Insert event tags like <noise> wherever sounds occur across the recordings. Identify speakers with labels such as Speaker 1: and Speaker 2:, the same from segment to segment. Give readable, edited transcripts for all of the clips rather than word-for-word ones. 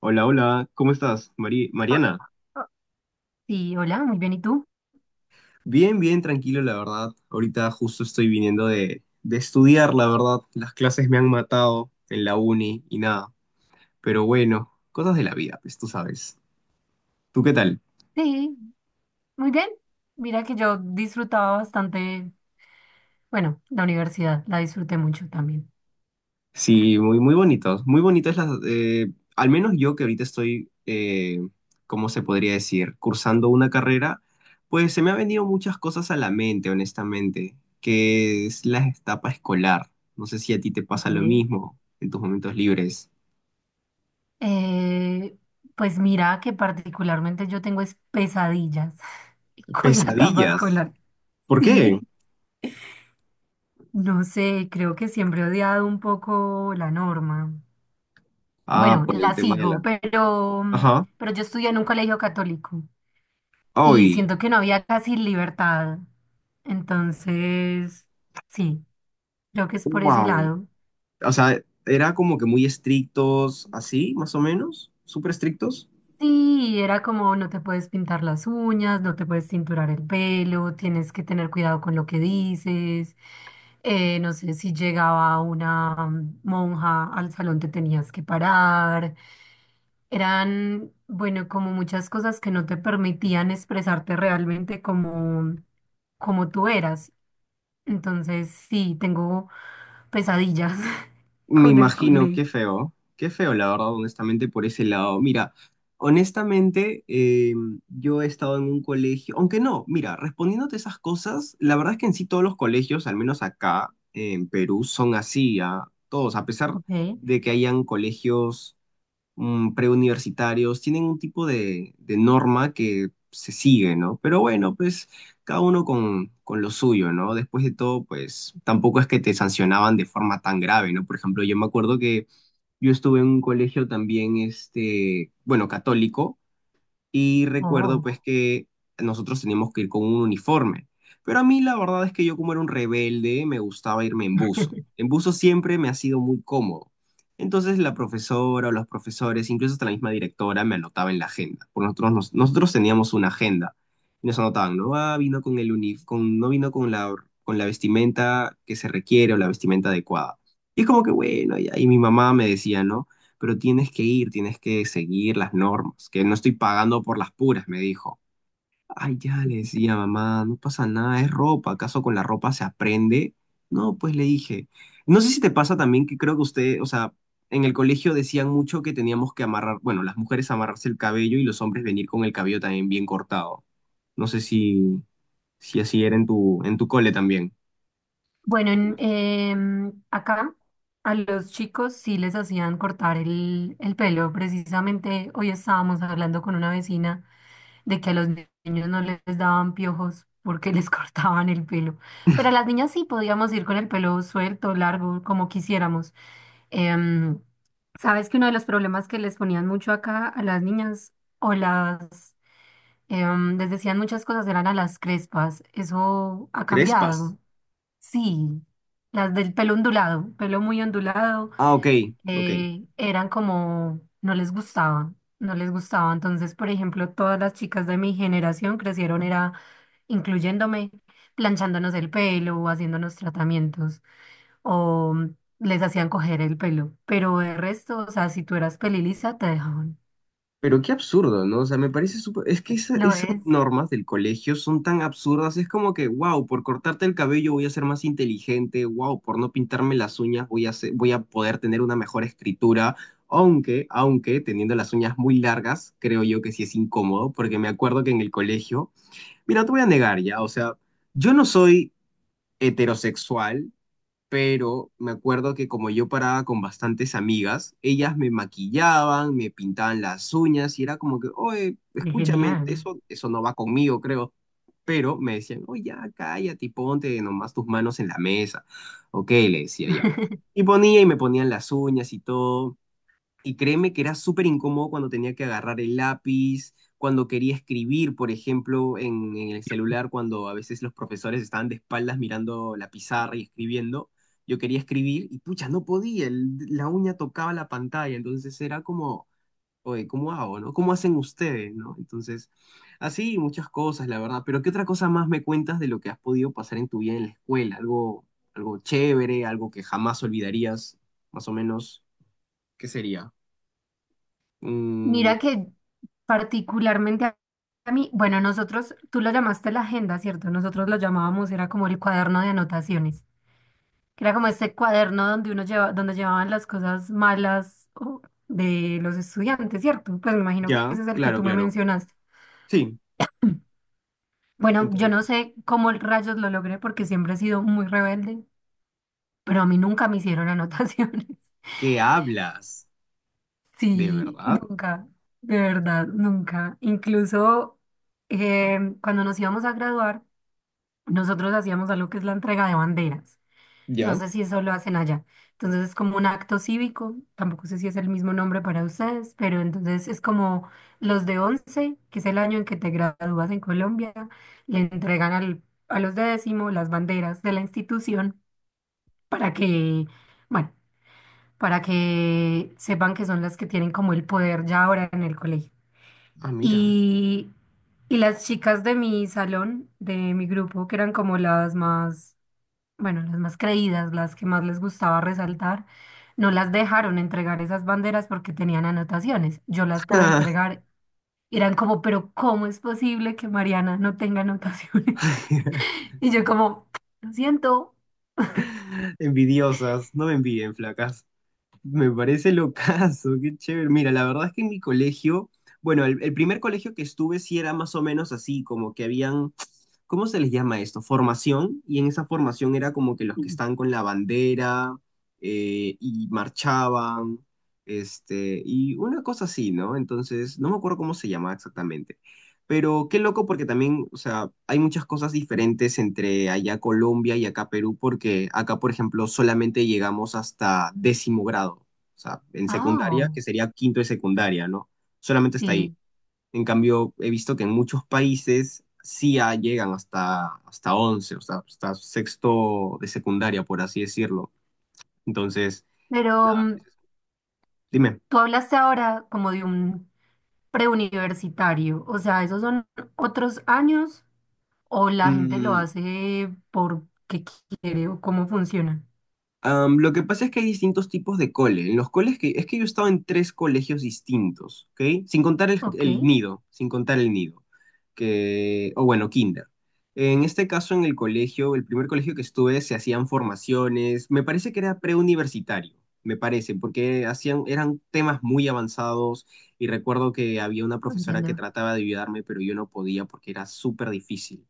Speaker 1: Hola, hola, ¿cómo estás,
Speaker 2: Oh,
Speaker 1: Mariana?
Speaker 2: oh, sí, hola, muy bien. ¿Y tú?
Speaker 1: Bien, bien, tranquilo, la verdad. Ahorita justo estoy viniendo de estudiar, la verdad. Las clases me han matado en la uni y nada. Pero bueno, cosas de la vida, pues tú sabes. ¿Tú qué tal?
Speaker 2: Sí, muy bien. Mira que yo disfrutaba bastante, bueno, la universidad, la disfruté mucho también.
Speaker 1: Sí, muy, muy bonitos, muy bonitas las, al menos yo que ahorita estoy, ¿cómo se podría decir? Cursando una carrera, pues se me han venido muchas cosas a la mente, honestamente, que es la etapa escolar. No sé si a ti te pasa lo
Speaker 2: Ok.
Speaker 1: mismo en tus momentos libres.
Speaker 2: Eh, pues mira que particularmente yo tengo es pesadillas <laughs> con la etapa
Speaker 1: Pesadillas.
Speaker 2: escolar.
Speaker 1: ¿Por
Speaker 2: Sí,
Speaker 1: qué?
Speaker 2: no sé, creo que siempre he odiado un poco la norma.
Speaker 1: Ah,
Speaker 2: Bueno,
Speaker 1: por el
Speaker 2: la
Speaker 1: tema de
Speaker 2: sigo,
Speaker 1: la...
Speaker 2: pero,
Speaker 1: Ajá.
Speaker 2: pero yo estudié en un colegio católico. Y
Speaker 1: Hoy.
Speaker 2: siento que no había casi libertad. Entonces, sí, creo que es por ese
Speaker 1: Wow.
Speaker 2: lado.
Speaker 1: O sea, era como que muy estrictos, así, más o menos, súper estrictos.
Speaker 2: Sí, era como no te puedes pintar las uñas, no te puedes cinturar el pelo, tienes que tener cuidado con lo que dices. No sé si llegaba una monja al salón, te tenías que parar. Eran, bueno, como muchas cosas que no te permitían expresarte realmente como tú eras. Entonces, sí, tengo pesadillas <laughs>
Speaker 1: Me
Speaker 2: con el
Speaker 1: imagino,
Speaker 2: colegio.
Speaker 1: qué feo, la verdad, honestamente, por ese lado. Mira, honestamente, yo he estado en un colegio, aunque no, mira, respondiéndote esas cosas, la verdad es que en sí todos los colegios, al menos acá en Perú, son así, a todos, a pesar
Speaker 2: Ok.
Speaker 1: de que hayan colegios preuniversitarios, tienen un tipo de norma que se sigue, ¿no? Pero bueno, pues cada uno con lo suyo, ¿no? Después de todo, pues tampoco es que te sancionaban de forma tan grave, ¿no? Por ejemplo, yo me acuerdo que yo estuve en un colegio también, este, bueno, católico, y recuerdo
Speaker 2: Oh.
Speaker 1: pues que nosotros teníamos que ir con un uniforme. Pero a mí la verdad es que yo como era un rebelde me gustaba irme en buzo.
Speaker 2: <laughs>
Speaker 1: En buzo siempre me ha sido muy cómodo. Entonces la profesora o los profesores, incluso hasta la misma directora, me anotaba en la agenda. Por nosotros, nosotros teníamos una agenda y nos anotaban, no ah, vino con el no vino con la vestimenta que se requiere o la vestimenta adecuada. Y es como que bueno, y ahí mi mamá me decía, ¿no? Pero tienes que ir, tienes que seguir las normas, que no estoy pagando por las puras, me dijo. Ay, ya le decía, mamá, no pasa nada, es ropa, ¿acaso con la ropa se aprende? No, pues le dije. No sé si te pasa también que creo que usted, o sea, en el colegio decían mucho que teníamos que amarrar, bueno, las mujeres amarrarse el cabello y los hombres venir con el cabello también bien cortado. No sé si, si así era en tu cole también.
Speaker 2: Bueno, acá a los chicos sí les hacían cortar el pelo. Precisamente hoy estábamos hablando con una vecina de que a los niños no les daban piojos porque les <laughs> cortaban el pelo. Pero a las niñas sí podíamos ir con el pelo suelto, largo, como quisiéramos. Em, Sabes que uno de los problemas que les ponían mucho acá a las niñas o las, les decían muchas cosas, eran a las crespas. Eso ha
Speaker 1: Crespas.
Speaker 2: cambiado. Sí, las del pelo ondulado, pelo muy ondulado,
Speaker 1: Ah, ok, ok.
Speaker 2: eran como, no les gustaba, no les gustaba. Entonces, por ejemplo, todas las chicas de mi generación crecieron, era incluyéndome, planchándonos el pelo, o haciéndonos tratamientos, o les hacían coger el pelo. Pero el resto, o sea, si tú eras pelilisa, te dejaban.
Speaker 1: Pero qué absurdo, ¿no? O sea, me parece súper... Es que
Speaker 2: Lo
Speaker 1: esas normas del colegio son tan absurdas. Es como que, wow, por cortarte el cabello voy a ser más inteligente. Wow, por no pintarme las uñas voy a voy a poder tener una mejor escritura. Aunque, aunque, teniendo las uñas muy largas, creo yo que sí es incómodo, porque me acuerdo que en el colegio... Mira, no te voy a negar ya, o sea, yo no soy heterosexual, pero me acuerdo que como yo paraba con bastantes amigas, ellas me maquillaban, me pintaban las uñas y era como que, oye,
Speaker 2: es
Speaker 1: escúchame,
Speaker 2: genial.
Speaker 1: eso no va conmigo, creo. Pero me decían, oye, ya, cállate y ponte nomás tus manos en la mesa. Ok, le decía ya.
Speaker 2: <laughs>
Speaker 1: Y ponía y me ponían las uñas y todo. Y créeme que era súper incómodo cuando tenía que agarrar el lápiz, cuando quería escribir, por ejemplo, en el celular, cuando a veces los profesores estaban de espaldas mirando la pizarra y escribiendo. Yo quería escribir y pucha, no podía, la uña tocaba la pantalla, entonces era como, oye, ¿cómo hago, no? ¿Cómo hacen ustedes, no? Entonces, así muchas cosas, la verdad. Pero ¿qué otra cosa más me cuentas de lo que has podido pasar en tu vida en la escuela? Algo, algo chévere, algo que jamás olvidarías, más o menos, ¿qué sería? Mm,
Speaker 2: Mira que particularmente a mí, bueno, nosotros, tú lo llamaste la agenda, ¿cierto? Nosotros lo llamábamos, era como el cuaderno de anotaciones, que era como ese cuaderno donde uno lleva, donde llevaban las cosas malas o, de los estudiantes, ¿cierto? Pues me imagino que
Speaker 1: ya,
Speaker 2: ese es el que
Speaker 1: claro,
Speaker 2: tú me
Speaker 1: claro.
Speaker 2: mencionaste.
Speaker 1: Sí,
Speaker 2: Bueno, yo
Speaker 1: entonces,
Speaker 2: no sé cómo rayos lo logré porque siempre he sido muy rebelde, pero a mí nunca me hicieron anotaciones. <laughs>
Speaker 1: ¿qué hablas? ¿De
Speaker 2: Sí,
Speaker 1: verdad?
Speaker 2: nunca, de verdad, nunca. Incluso cuando nos íbamos a graduar, nosotros hacíamos algo que es la entrega de banderas. No
Speaker 1: Ya.
Speaker 2: sé si eso lo hacen allá. Entonces es como un acto cívico. Tampoco sé si es el mismo nombre para ustedes, pero entonces es como los de 11, que es el año en que te gradúas en Colombia, le entregan a los de décimo las banderas de la institución para que, bueno, para que sepan que son las que tienen como el poder ya ahora en el colegio.
Speaker 1: Ah, mira.
Speaker 2: Y, y las chicas de mi salón, de mi grupo, que eran como las más bueno, las más creídas, las que más les gustaba resaltar, no las dejaron entregar esas banderas porque tenían anotaciones. Yo las pude entregar. Y eran como, pero ¿cómo es posible que Mariana no tenga anotaciones? <laughs>
Speaker 1: <laughs>
Speaker 2: Y yo como, lo siento.
Speaker 1: Envidiosas, no me envidien, flacas. Me parece locazo, qué chévere. Mira, la verdad es que en mi colegio, bueno, el primer colegio que estuve sí era más o menos así, como que habían, ¿cómo se les llama esto? Formación, y en esa formación era como que los que están con la bandera y marchaban, este, y una cosa así, ¿no? Entonces, no me acuerdo cómo se llamaba exactamente. Pero qué loco porque también, o sea, hay muchas cosas diferentes entre allá Colombia y acá Perú, porque acá, por ejemplo, solamente llegamos hasta décimo grado, o sea, en secundaria,
Speaker 2: Ah,
Speaker 1: que sería quinto de secundaria, ¿no? Solamente está ahí.
Speaker 2: sí,
Speaker 1: En cambio, he visto que en muchos países sí ah, llegan hasta, hasta once, o sea, hasta sexto de secundaria, por así decirlo. Entonces,
Speaker 2: pero
Speaker 1: nada, pues, dime.
Speaker 2: tú hablaste ahora como de un preuniversitario, o sea, ¿esos son otros años o la gente lo
Speaker 1: Mm,
Speaker 2: hace porque quiere o cómo funciona?
Speaker 1: am, lo que pasa es que hay distintos tipos de cole. En los coles que, es que yo he estado en tres colegios distintos, ¿ok? Sin contar el,
Speaker 2: Ok,
Speaker 1: el nido, sin contar el nido, que, o bueno, kinder. En este caso, en el colegio, el primer colegio que estuve, se hacían formaciones, me parece que era preuniversitario, me parece, porque hacían, eran temas muy avanzados y recuerdo que había una profesora que
Speaker 2: entiendo.
Speaker 1: trataba de ayudarme, pero yo no podía porque era súper difícil.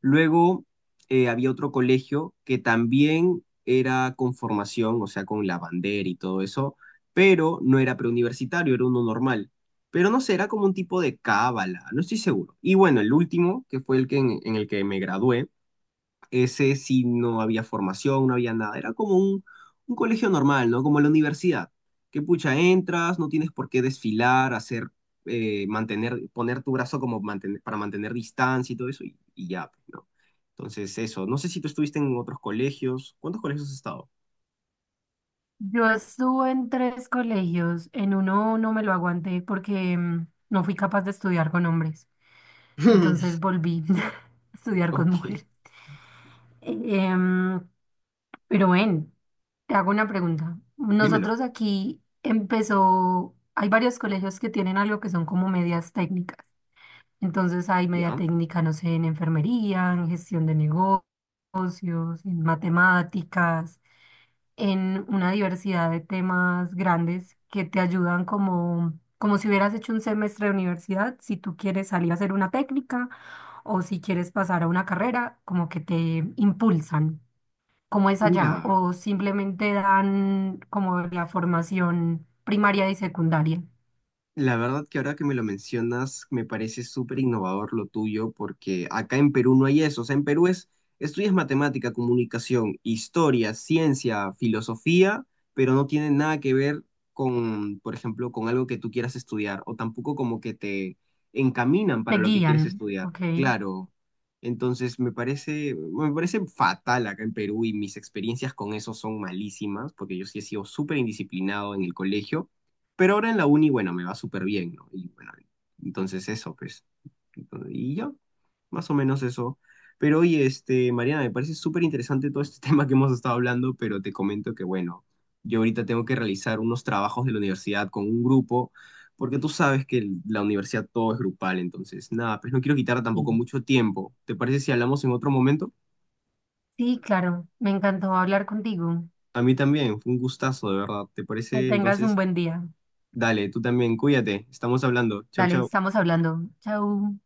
Speaker 1: Luego había otro colegio que también era con formación, o sea, con la bandera y todo eso, pero no era preuniversitario, era uno normal. Pero no sé, era como un tipo de cábala, no estoy seguro. Y bueno, el último, que fue el que en el que me gradué, ese sí no había formación, no había nada. Era como un colegio normal, ¿no? Como la universidad. Que pucha, entras, no tienes por qué desfilar, hacer, mantener, poner tu brazo como para mantener distancia y todo eso, y ya, pues, ¿no? Entonces, eso. No sé si tú estuviste en otros colegios. ¿Cuántos colegios has estado?
Speaker 2: Yo estuve en tres colegios, en uno no me lo aguanté porque no fui capaz de estudiar con hombres, entonces
Speaker 1: <laughs>
Speaker 2: volví <laughs> a estudiar con
Speaker 1: Ok,
Speaker 2: mujeres. Em, pero ven, te hago una pregunta.
Speaker 1: dímelo.
Speaker 2: Nosotros aquí empezó, hay varios colegios que tienen algo que son como medias técnicas. Entonces hay media
Speaker 1: ¿Ya?
Speaker 2: técnica, no sé, en enfermería, en gestión de negocios, en matemáticas. En una diversidad de temas grandes que te ayudan como si hubieras hecho un semestre de universidad, si tú quieres salir a hacer una técnica o si quieres pasar a una carrera, como que te impulsan, como es allá,
Speaker 1: Mira.
Speaker 2: o simplemente dan como la formación primaria y secundaria,
Speaker 1: La verdad que ahora que me lo mencionas, me parece súper innovador lo tuyo, porque acá en Perú no hay eso. O sea, en Perú es, estudias matemática, comunicación, historia, ciencia, filosofía, pero no tiene nada que ver con, por ejemplo, con algo que tú quieras estudiar, o tampoco como que te encaminan para
Speaker 2: te
Speaker 1: lo que quieres
Speaker 2: guían,
Speaker 1: estudiar.
Speaker 2: ¿ok?
Speaker 1: Claro. Entonces, me parece fatal acá en Perú y mis experiencias con eso son malísimas, porque yo sí he sido súper indisciplinado en el colegio pero ahora en la uni, bueno, me va súper bien, ¿no? Y bueno, entonces eso, pues. Entonces, y ya, más o menos eso. Pero oye, este, Mariana, me parece súper interesante todo este <laughs> tema que hemos estado hablando, pero te comento que, bueno, yo ahorita tengo que realizar unos trabajos de la universidad con un grupo, porque tú sabes que la universidad todo es grupal, entonces, nada, pues no quiero quitar tampoco
Speaker 2: Sí.
Speaker 1: mucho tiempo. ¿Te parece si hablamos en otro momento?
Speaker 2: Sí, claro, me encantó hablar contigo.
Speaker 1: A mí también, fue un gustazo, de verdad. ¿Te
Speaker 2: Que
Speaker 1: parece?
Speaker 2: tengas un
Speaker 1: Entonces,
Speaker 2: buen día.
Speaker 1: dale, tú también, cuídate, estamos hablando. Chau,
Speaker 2: Dale,
Speaker 1: chau.
Speaker 2: estamos hablando. Chau.